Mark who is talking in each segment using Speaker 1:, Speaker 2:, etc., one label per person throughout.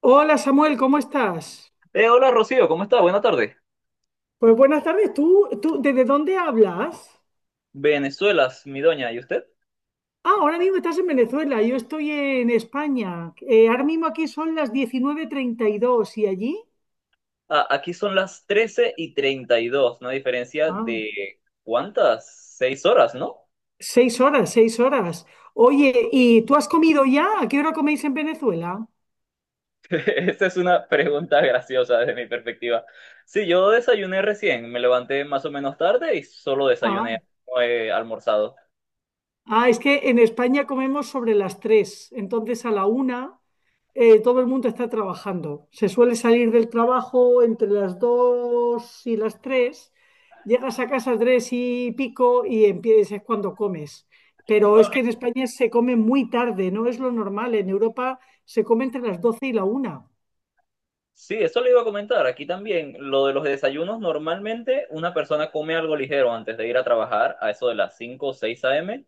Speaker 1: Hola Samuel, ¿cómo estás?
Speaker 2: Hola Rocío, ¿cómo está? Buena tarde.
Speaker 1: Pues buenas tardes, ¿tú desde dónde hablas?
Speaker 2: Venezuela, mi doña, ¿y usted?
Speaker 1: Ah, ahora mismo estás en Venezuela, yo estoy en España. Ahora mismo aquí son las 19:32 y allí.
Speaker 2: Ah, aquí son las 13:32, una diferencia
Speaker 1: Ah,
Speaker 2: de ¿cuántas? 6 horas, ¿no?
Speaker 1: 6 horas, 6 horas. Oye, ¿y tú has comido ya? ¿A qué hora coméis en Venezuela?
Speaker 2: Esa es una pregunta graciosa desde mi perspectiva. Sí, yo desayuné recién, me levanté más o menos tarde y solo
Speaker 1: ah,
Speaker 2: desayuné, no he almorzado.
Speaker 1: Ah, es que en España comemos sobre las 3, entonces a la 1. Todo el mundo está trabajando. Se suele salir del trabajo entre las 2 y las 3. Llegas a casa 3 y pico y empiezas, es cuando comes. Pero es que en
Speaker 2: Ok.
Speaker 1: España se come muy tarde, no es lo normal. En Europa se come entre las 12 y la 1.
Speaker 2: Sí, eso le iba a comentar. Aquí también, lo de los desayunos, normalmente una persona come algo ligero antes de ir a trabajar a eso de las 5 o 6 a.m.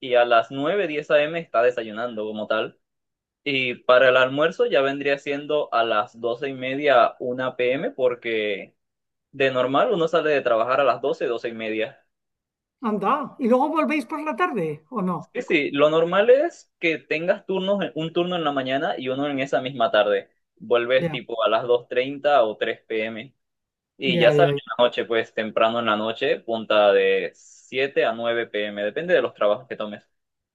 Speaker 2: Y a las 9:10 a.m. está desayunando como tal. Y para el almuerzo ya vendría siendo a las 12:30, 1 p.m., porque de normal uno sale de trabajar a las 12, 12:30.
Speaker 1: Anda, ¿y luego volvéis por la tarde o no?
Speaker 2: Sí, sí, lo normal es que tengas turnos, un turno en la mañana y uno en esa misma tarde. Vuelves
Speaker 1: Ya,
Speaker 2: tipo a las 2:30 o 3 p.m. Y ya
Speaker 1: ya,
Speaker 2: sales
Speaker 1: ya. Ya.
Speaker 2: en la noche, pues temprano en la noche, punta de 7 a 9 p.m., depende de los trabajos que tomes.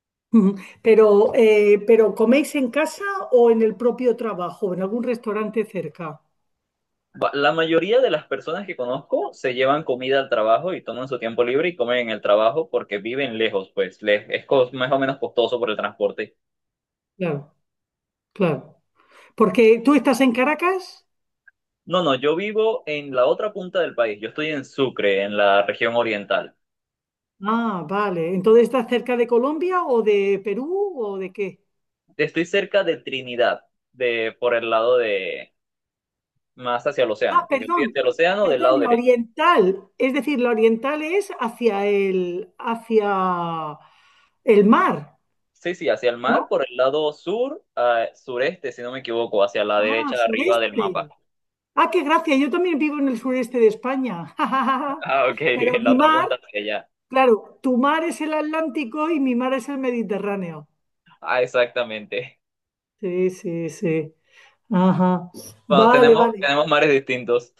Speaker 1: Ujú. Pero ¿coméis en casa o en el propio trabajo, en algún restaurante cerca?
Speaker 2: La mayoría de las personas que conozco se llevan comida al trabajo y toman su tiempo libre y comen en el trabajo porque viven lejos, pues les es más o menos costoso por el transporte.
Speaker 1: Claro, claro. Porque tú estás en Caracas.
Speaker 2: No, no, yo vivo en la otra punta del país. Yo estoy en Sucre, en la región oriental.
Speaker 1: Ah, vale. Entonces, ¿está cerca de Colombia o de Perú o de qué?
Speaker 2: Estoy cerca de Trinidad, de por el lado de más hacia el
Speaker 1: Ah,
Speaker 2: océano. Pues yo estoy
Speaker 1: perdón,
Speaker 2: hacia el océano del lado
Speaker 1: perdón, la
Speaker 2: derecho.
Speaker 1: oriental. Es decir, la oriental es hacia el mar,
Speaker 2: Sí, sí, hacia el mar,
Speaker 1: ¿no?
Speaker 2: por el lado sur, sureste, si no me equivoco, hacia la
Speaker 1: Ah,
Speaker 2: derecha arriba del mapa.
Speaker 1: sureste. Ah, qué gracia. Yo también vivo en el sureste de España.
Speaker 2: Ah, ok,
Speaker 1: Pero
Speaker 2: en la
Speaker 1: mi
Speaker 2: otra
Speaker 1: mar,
Speaker 2: punta hacia allá.
Speaker 1: claro, tu mar es el Atlántico y mi mar es el Mediterráneo.
Speaker 2: Ah, exactamente.
Speaker 1: Sí, sí, sí. Ajá.
Speaker 2: Wow,
Speaker 1: Vale,
Speaker 2: tenemos,
Speaker 1: vale.
Speaker 2: tenemos mares distintos.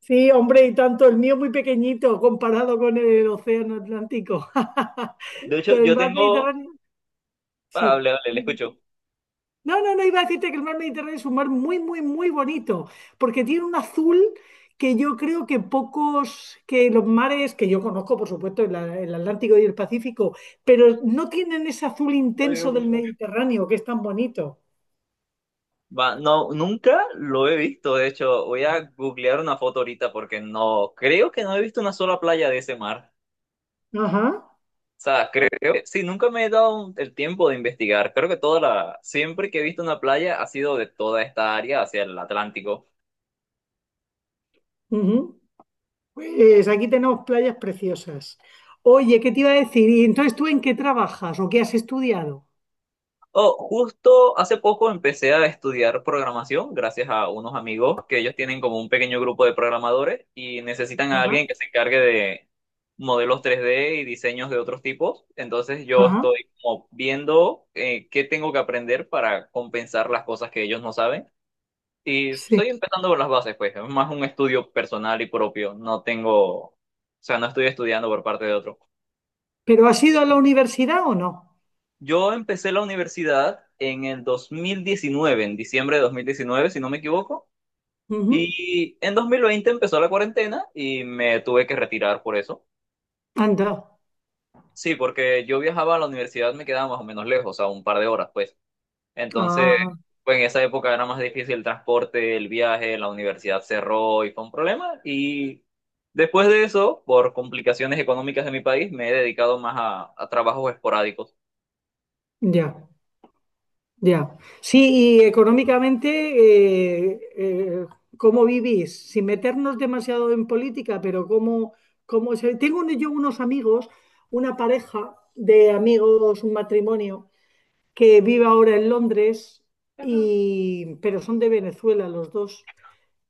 Speaker 1: Sí, hombre, y tanto, el mío muy pequeñito comparado con el océano Atlántico.
Speaker 2: De hecho,
Speaker 1: Pero el
Speaker 2: yo
Speaker 1: mar
Speaker 2: tengo.
Speaker 1: Mediterráneo,
Speaker 2: Ah,
Speaker 1: sí.
Speaker 2: hable, hable, le
Speaker 1: Sí, sí.
Speaker 2: escucho.
Speaker 1: No, no, no iba a decirte que el mar Mediterráneo es un mar muy, muy, muy bonito, porque tiene un azul que yo creo que pocos, que los mares que yo conozco, por supuesto, el Atlántico y el Pacífico, pero no tienen ese azul intenso del Mediterráneo, que es tan bonito.
Speaker 2: Va, no, nunca lo he visto. De hecho, voy a googlear una foto ahorita porque no. Creo que no he visto una sola playa de ese mar.
Speaker 1: Ajá.
Speaker 2: O sea, creo que sí, nunca me he dado el tiempo de investigar. Creo que toda la. Siempre que he visto una playa ha sido de toda esta área hacia el Atlántico.
Speaker 1: Ujú. Pues aquí tenemos playas preciosas. Oye, ¿qué te iba a decir? ¿Y entonces tú en qué trabajas o qué has estudiado?
Speaker 2: Oh, justo hace poco empecé a estudiar programación gracias a unos amigos que ellos tienen como un pequeño grupo de programadores y necesitan a
Speaker 1: Ajá,
Speaker 2: alguien que se encargue de modelos 3D y diseños de otros tipos. Entonces yo
Speaker 1: ajá,
Speaker 2: estoy como viendo qué tengo que aprender para compensar las cosas que ellos no saben. Y
Speaker 1: sí.
Speaker 2: estoy empezando por las bases, pues. Es más un estudio personal y propio. No tengo, o sea, no estoy estudiando por parte de otro.
Speaker 1: ¿Pero has ido a la universidad o no?
Speaker 2: Yo empecé la universidad en el 2019, en diciembre de 2019, si no me equivoco,
Speaker 1: Ujú.
Speaker 2: y en 2020 empezó la cuarentena y me tuve que retirar por eso.
Speaker 1: Anda.
Speaker 2: Sí, porque yo viajaba a la universidad, me quedaba más o menos lejos, a un par de horas, pues. Entonces,
Speaker 1: Ah,
Speaker 2: pues en esa época era más difícil el transporte, el viaje, la universidad cerró y fue un problema. Y después de eso, por complicaciones económicas de mi país, me he dedicado más a trabajos esporádicos.
Speaker 1: ya, ya. Sí, y económicamente, eh, eh, ¿cómo vivís? Sin meternos demasiado en política, pero ¿cómo se...? Tengo yo unos amigos, una pareja de amigos, un matrimonio que vive ahora en Londres, pero son de Venezuela los dos.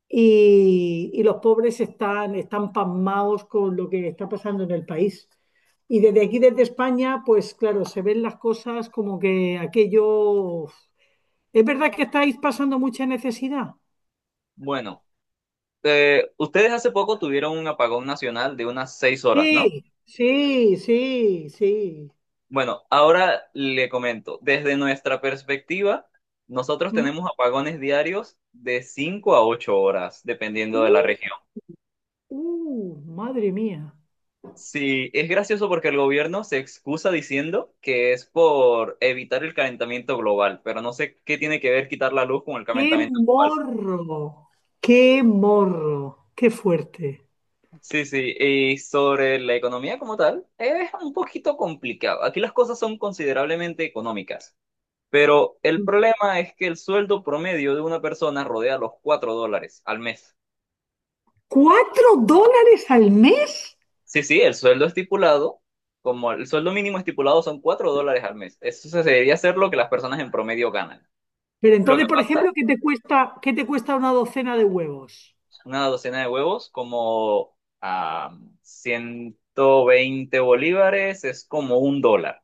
Speaker 1: Y los pobres están pasmados con lo que está pasando en el país. Y desde aquí, desde España, pues claro, se ven las cosas como que aquello... ¿Es verdad que estáis pasando mucha necesidad?
Speaker 2: Bueno, ustedes hace poco tuvieron un apagón nacional de unas 6 horas, ¿no?
Speaker 1: Sí, sí, sí, sí.
Speaker 2: Bueno, ahora le comento, desde nuestra perspectiva, nosotros
Speaker 1: ¿Mm?
Speaker 2: tenemos apagones diarios de 5 a 8 horas, dependiendo
Speaker 1: Uh,
Speaker 2: de la región.
Speaker 1: madre mía.
Speaker 2: Sí, es gracioso porque el gobierno se excusa diciendo que es por evitar el calentamiento global, pero no sé qué tiene que ver quitar la luz con el
Speaker 1: ¡Qué
Speaker 2: calentamiento global.
Speaker 1: morro! ¡Qué morro! ¡Qué fuerte!
Speaker 2: Sí, sí, y sobre la economía como tal, es un poquito complicado. Aquí las cosas son considerablemente económicas. Pero el problema es que el sueldo promedio de una persona rodea los $4 al mes.
Speaker 1: ¿4 dólares al mes?
Speaker 2: Sí, sí, el sueldo estipulado, como el sueldo mínimo estipulado son $4 al mes. Eso se debería ser lo que las personas en promedio ganan.
Speaker 1: Pero
Speaker 2: Lo que
Speaker 1: entonces, por
Speaker 2: pasa,
Speaker 1: ejemplo, ¿qué te cuesta una docena de huevos?
Speaker 2: una docena de huevos como a 120 bolívares es como un dólar.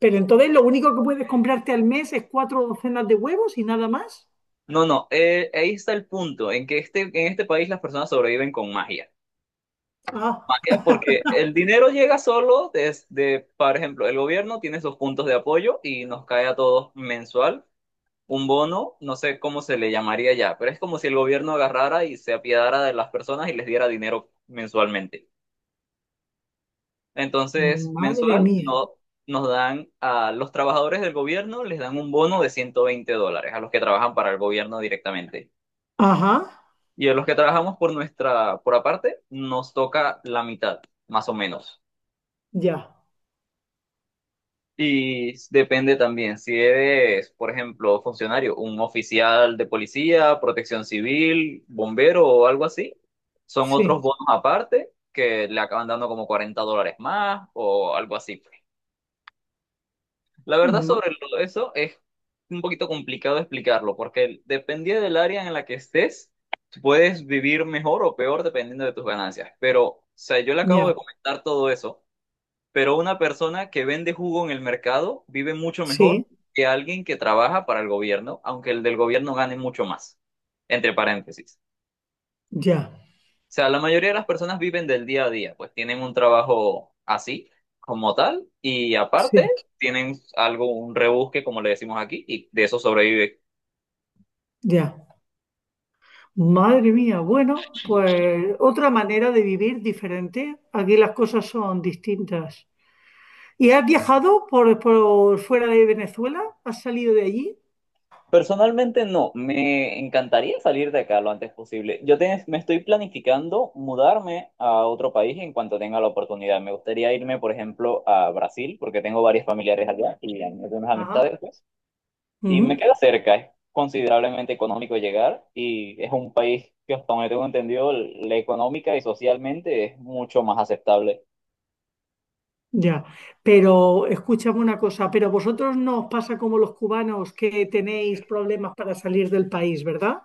Speaker 1: Pero entonces lo único que puedes comprarte al mes es cuatro docenas de huevos y nada más.
Speaker 2: No, no, ahí está el punto, en que en este país las personas sobreviven con magia.
Speaker 1: Ah,
Speaker 2: ¿Para qué? Porque el dinero llega solo desde, por ejemplo, el gobierno tiene sus puntos de apoyo y nos cae a todos mensual un bono, no sé cómo se le llamaría ya, pero es como si el gobierno agarrara y se apiadara de las personas y les diera dinero mensualmente. Entonces,
Speaker 1: madre
Speaker 2: mensual
Speaker 1: mía.
Speaker 2: no, nos dan a los trabajadores del gobierno, les dan un bono de $120 a los que trabajan para el gobierno directamente.
Speaker 1: Ajá,
Speaker 2: Y a los que trabajamos por nuestra, por aparte, nos toca la mitad, más o menos.
Speaker 1: ya,
Speaker 2: Y depende también si eres, por ejemplo, funcionario, un oficial de policía, protección civil, bombero o algo así. Son otros
Speaker 1: sí,
Speaker 2: bonos aparte que le acaban dando como $40 más o algo así, pues. La verdad
Speaker 1: ma-
Speaker 2: sobre eso es un poquito complicado explicarlo porque dependiendo del área en la que estés, puedes vivir mejor o peor dependiendo de tus ganancias. Pero, o sea, yo le acabo de
Speaker 1: ya,
Speaker 2: comentar todo eso, pero una persona que vende jugo en el mercado vive mucho
Speaker 1: sí,
Speaker 2: mejor que alguien que trabaja para el gobierno, aunque el del gobierno gane mucho más. Entre paréntesis.
Speaker 1: ya,
Speaker 2: O sea, la mayoría de las personas viven del día a día, pues tienen un trabajo así, como tal, y aparte
Speaker 1: sí,
Speaker 2: tienen algo, un rebusque, como le decimos aquí, y de eso sobrevive.
Speaker 1: ya. Madre mía, bueno, pues otra manera de vivir diferente. Aquí las cosas son distintas. ¿Y has viajado por fuera de Venezuela? ¿Has salido de allí?
Speaker 2: Personalmente no, me encantaría salir de acá lo antes posible. Yo me estoy planificando mudarme a otro país en cuanto tenga la oportunidad. Me gustaría irme, por ejemplo, a Brasil, porque tengo varios familiares allá y algunas
Speaker 1: Ajá,
Speaker 2: amistades, pues, y me
Speaker 1: ujú,
Speaker 2: queda cerca, es considerablemente económico llegar y es un país que hasta donde tengo entendido, la económica y socialmente es mucho más aceptable.
Speaker 1: ya. Pero escúchame una cosa, pero vosotros no os pasa como los cubanos que tenéis problemas para salir del país, ¿verdad?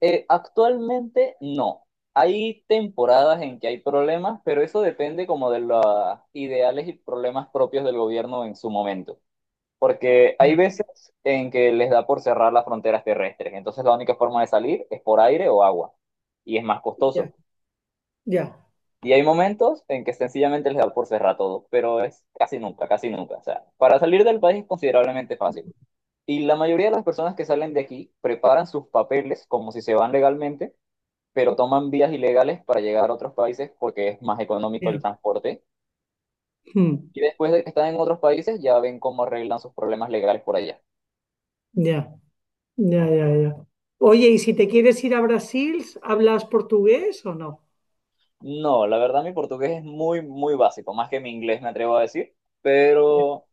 Speaker 2: Actualmente no. Hay temporadas en que hay problemas, pero eso depende como de los ideales y problemas propios del gobierno en su momento. Porque hay
Speaker 1: Ya,
Speaker 2: veces en que les da por cerrar las fronteras terrestres, entonces la única forma de salir es por aire o agua, y es más
Speaker 1: ya,
Speaker 2: costoso.
Speaker 1: ya,
Speaker 2: Y hay momentos en que sencillamente les da por cerrar todo, pero es casi nunca, casi nunca. O sea, para salir del país es considerablemente fácil. Y la mayoría de las personas que salen de aquí preparan sus papeles como si se van legalmente, pero toman vías ilegales para llegar a otros países porque es más económico
Speaker 1: ya,
Speaker 2: el transporte.
Speaker 1: mm,
Speaker 2: Y después de que están en otros países, ya ven cómo arreglan sus problemas legales por allá.
Speaker 1: ya, ya, ya, ya. Oye, y si te quieres ir a Brasil, ¿hablas portugués o no?
Speaker 2: No, la verdad mi portugués es muy, muy básico, más que mi inglés me atrevo a decir,
Speaker 1: Ya,
Speaker 2: pero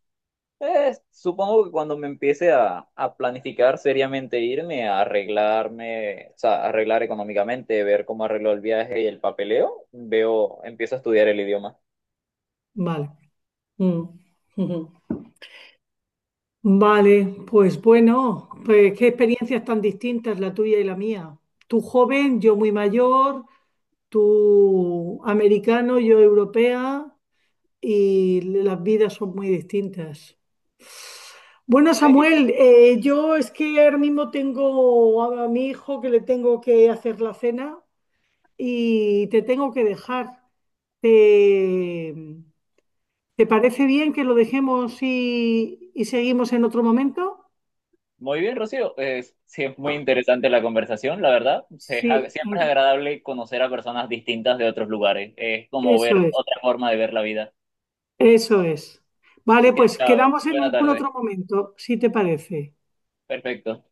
Speaker 2: supongo que cuando me empiece a planificar seriamente irme, a arreglarme, o sea, arreglar económicamente, ver cómo arreglo el viaje y el papeleo, veo, empiezo a estudiar el idioma.
Speaker 1: vale. Mm, ujú. Vale, pues bueno, pues qué experiencias tan distintas la tuya y la mía. Tú joven, yo muy mayor, tú americano, yo europea, y las vidas son muy distintas. Bueno,
Speaker 2: Sí,
Speaker 1: Samuel, yo es que ahora mismo tengo a mi hijo, que le tengo que hacer la cena, y te tengo que dejar. ¿Te, te parece bien que lo dejemos y seguimos en otro momento?
Speaker 2: muy bien, Rocío. Es, sí, es muy interesante la conversación, la verdad.
Speaker 1: Sí,
Speaker 2: Siempre es agradable conocer a personas distintas de otros lugares. Es como
Speaker 1: eso
Speaker 2: ver
Speaker 1: es,
Speaker 2: otra forma de ver la vida.
Speaker 1: eso es.
Speaker 2: Así
Speaker 1: Vale,
Speaker 2: que,
Speaker 1: pues
Speaker 2: chao,
Speaker 1: quedamos en
Speaker 2: buena
Speaker 1: algún
Speaker 2: tarde.
Speaker 1: otro momento, si te parece.
Speaker 2: Perfecto.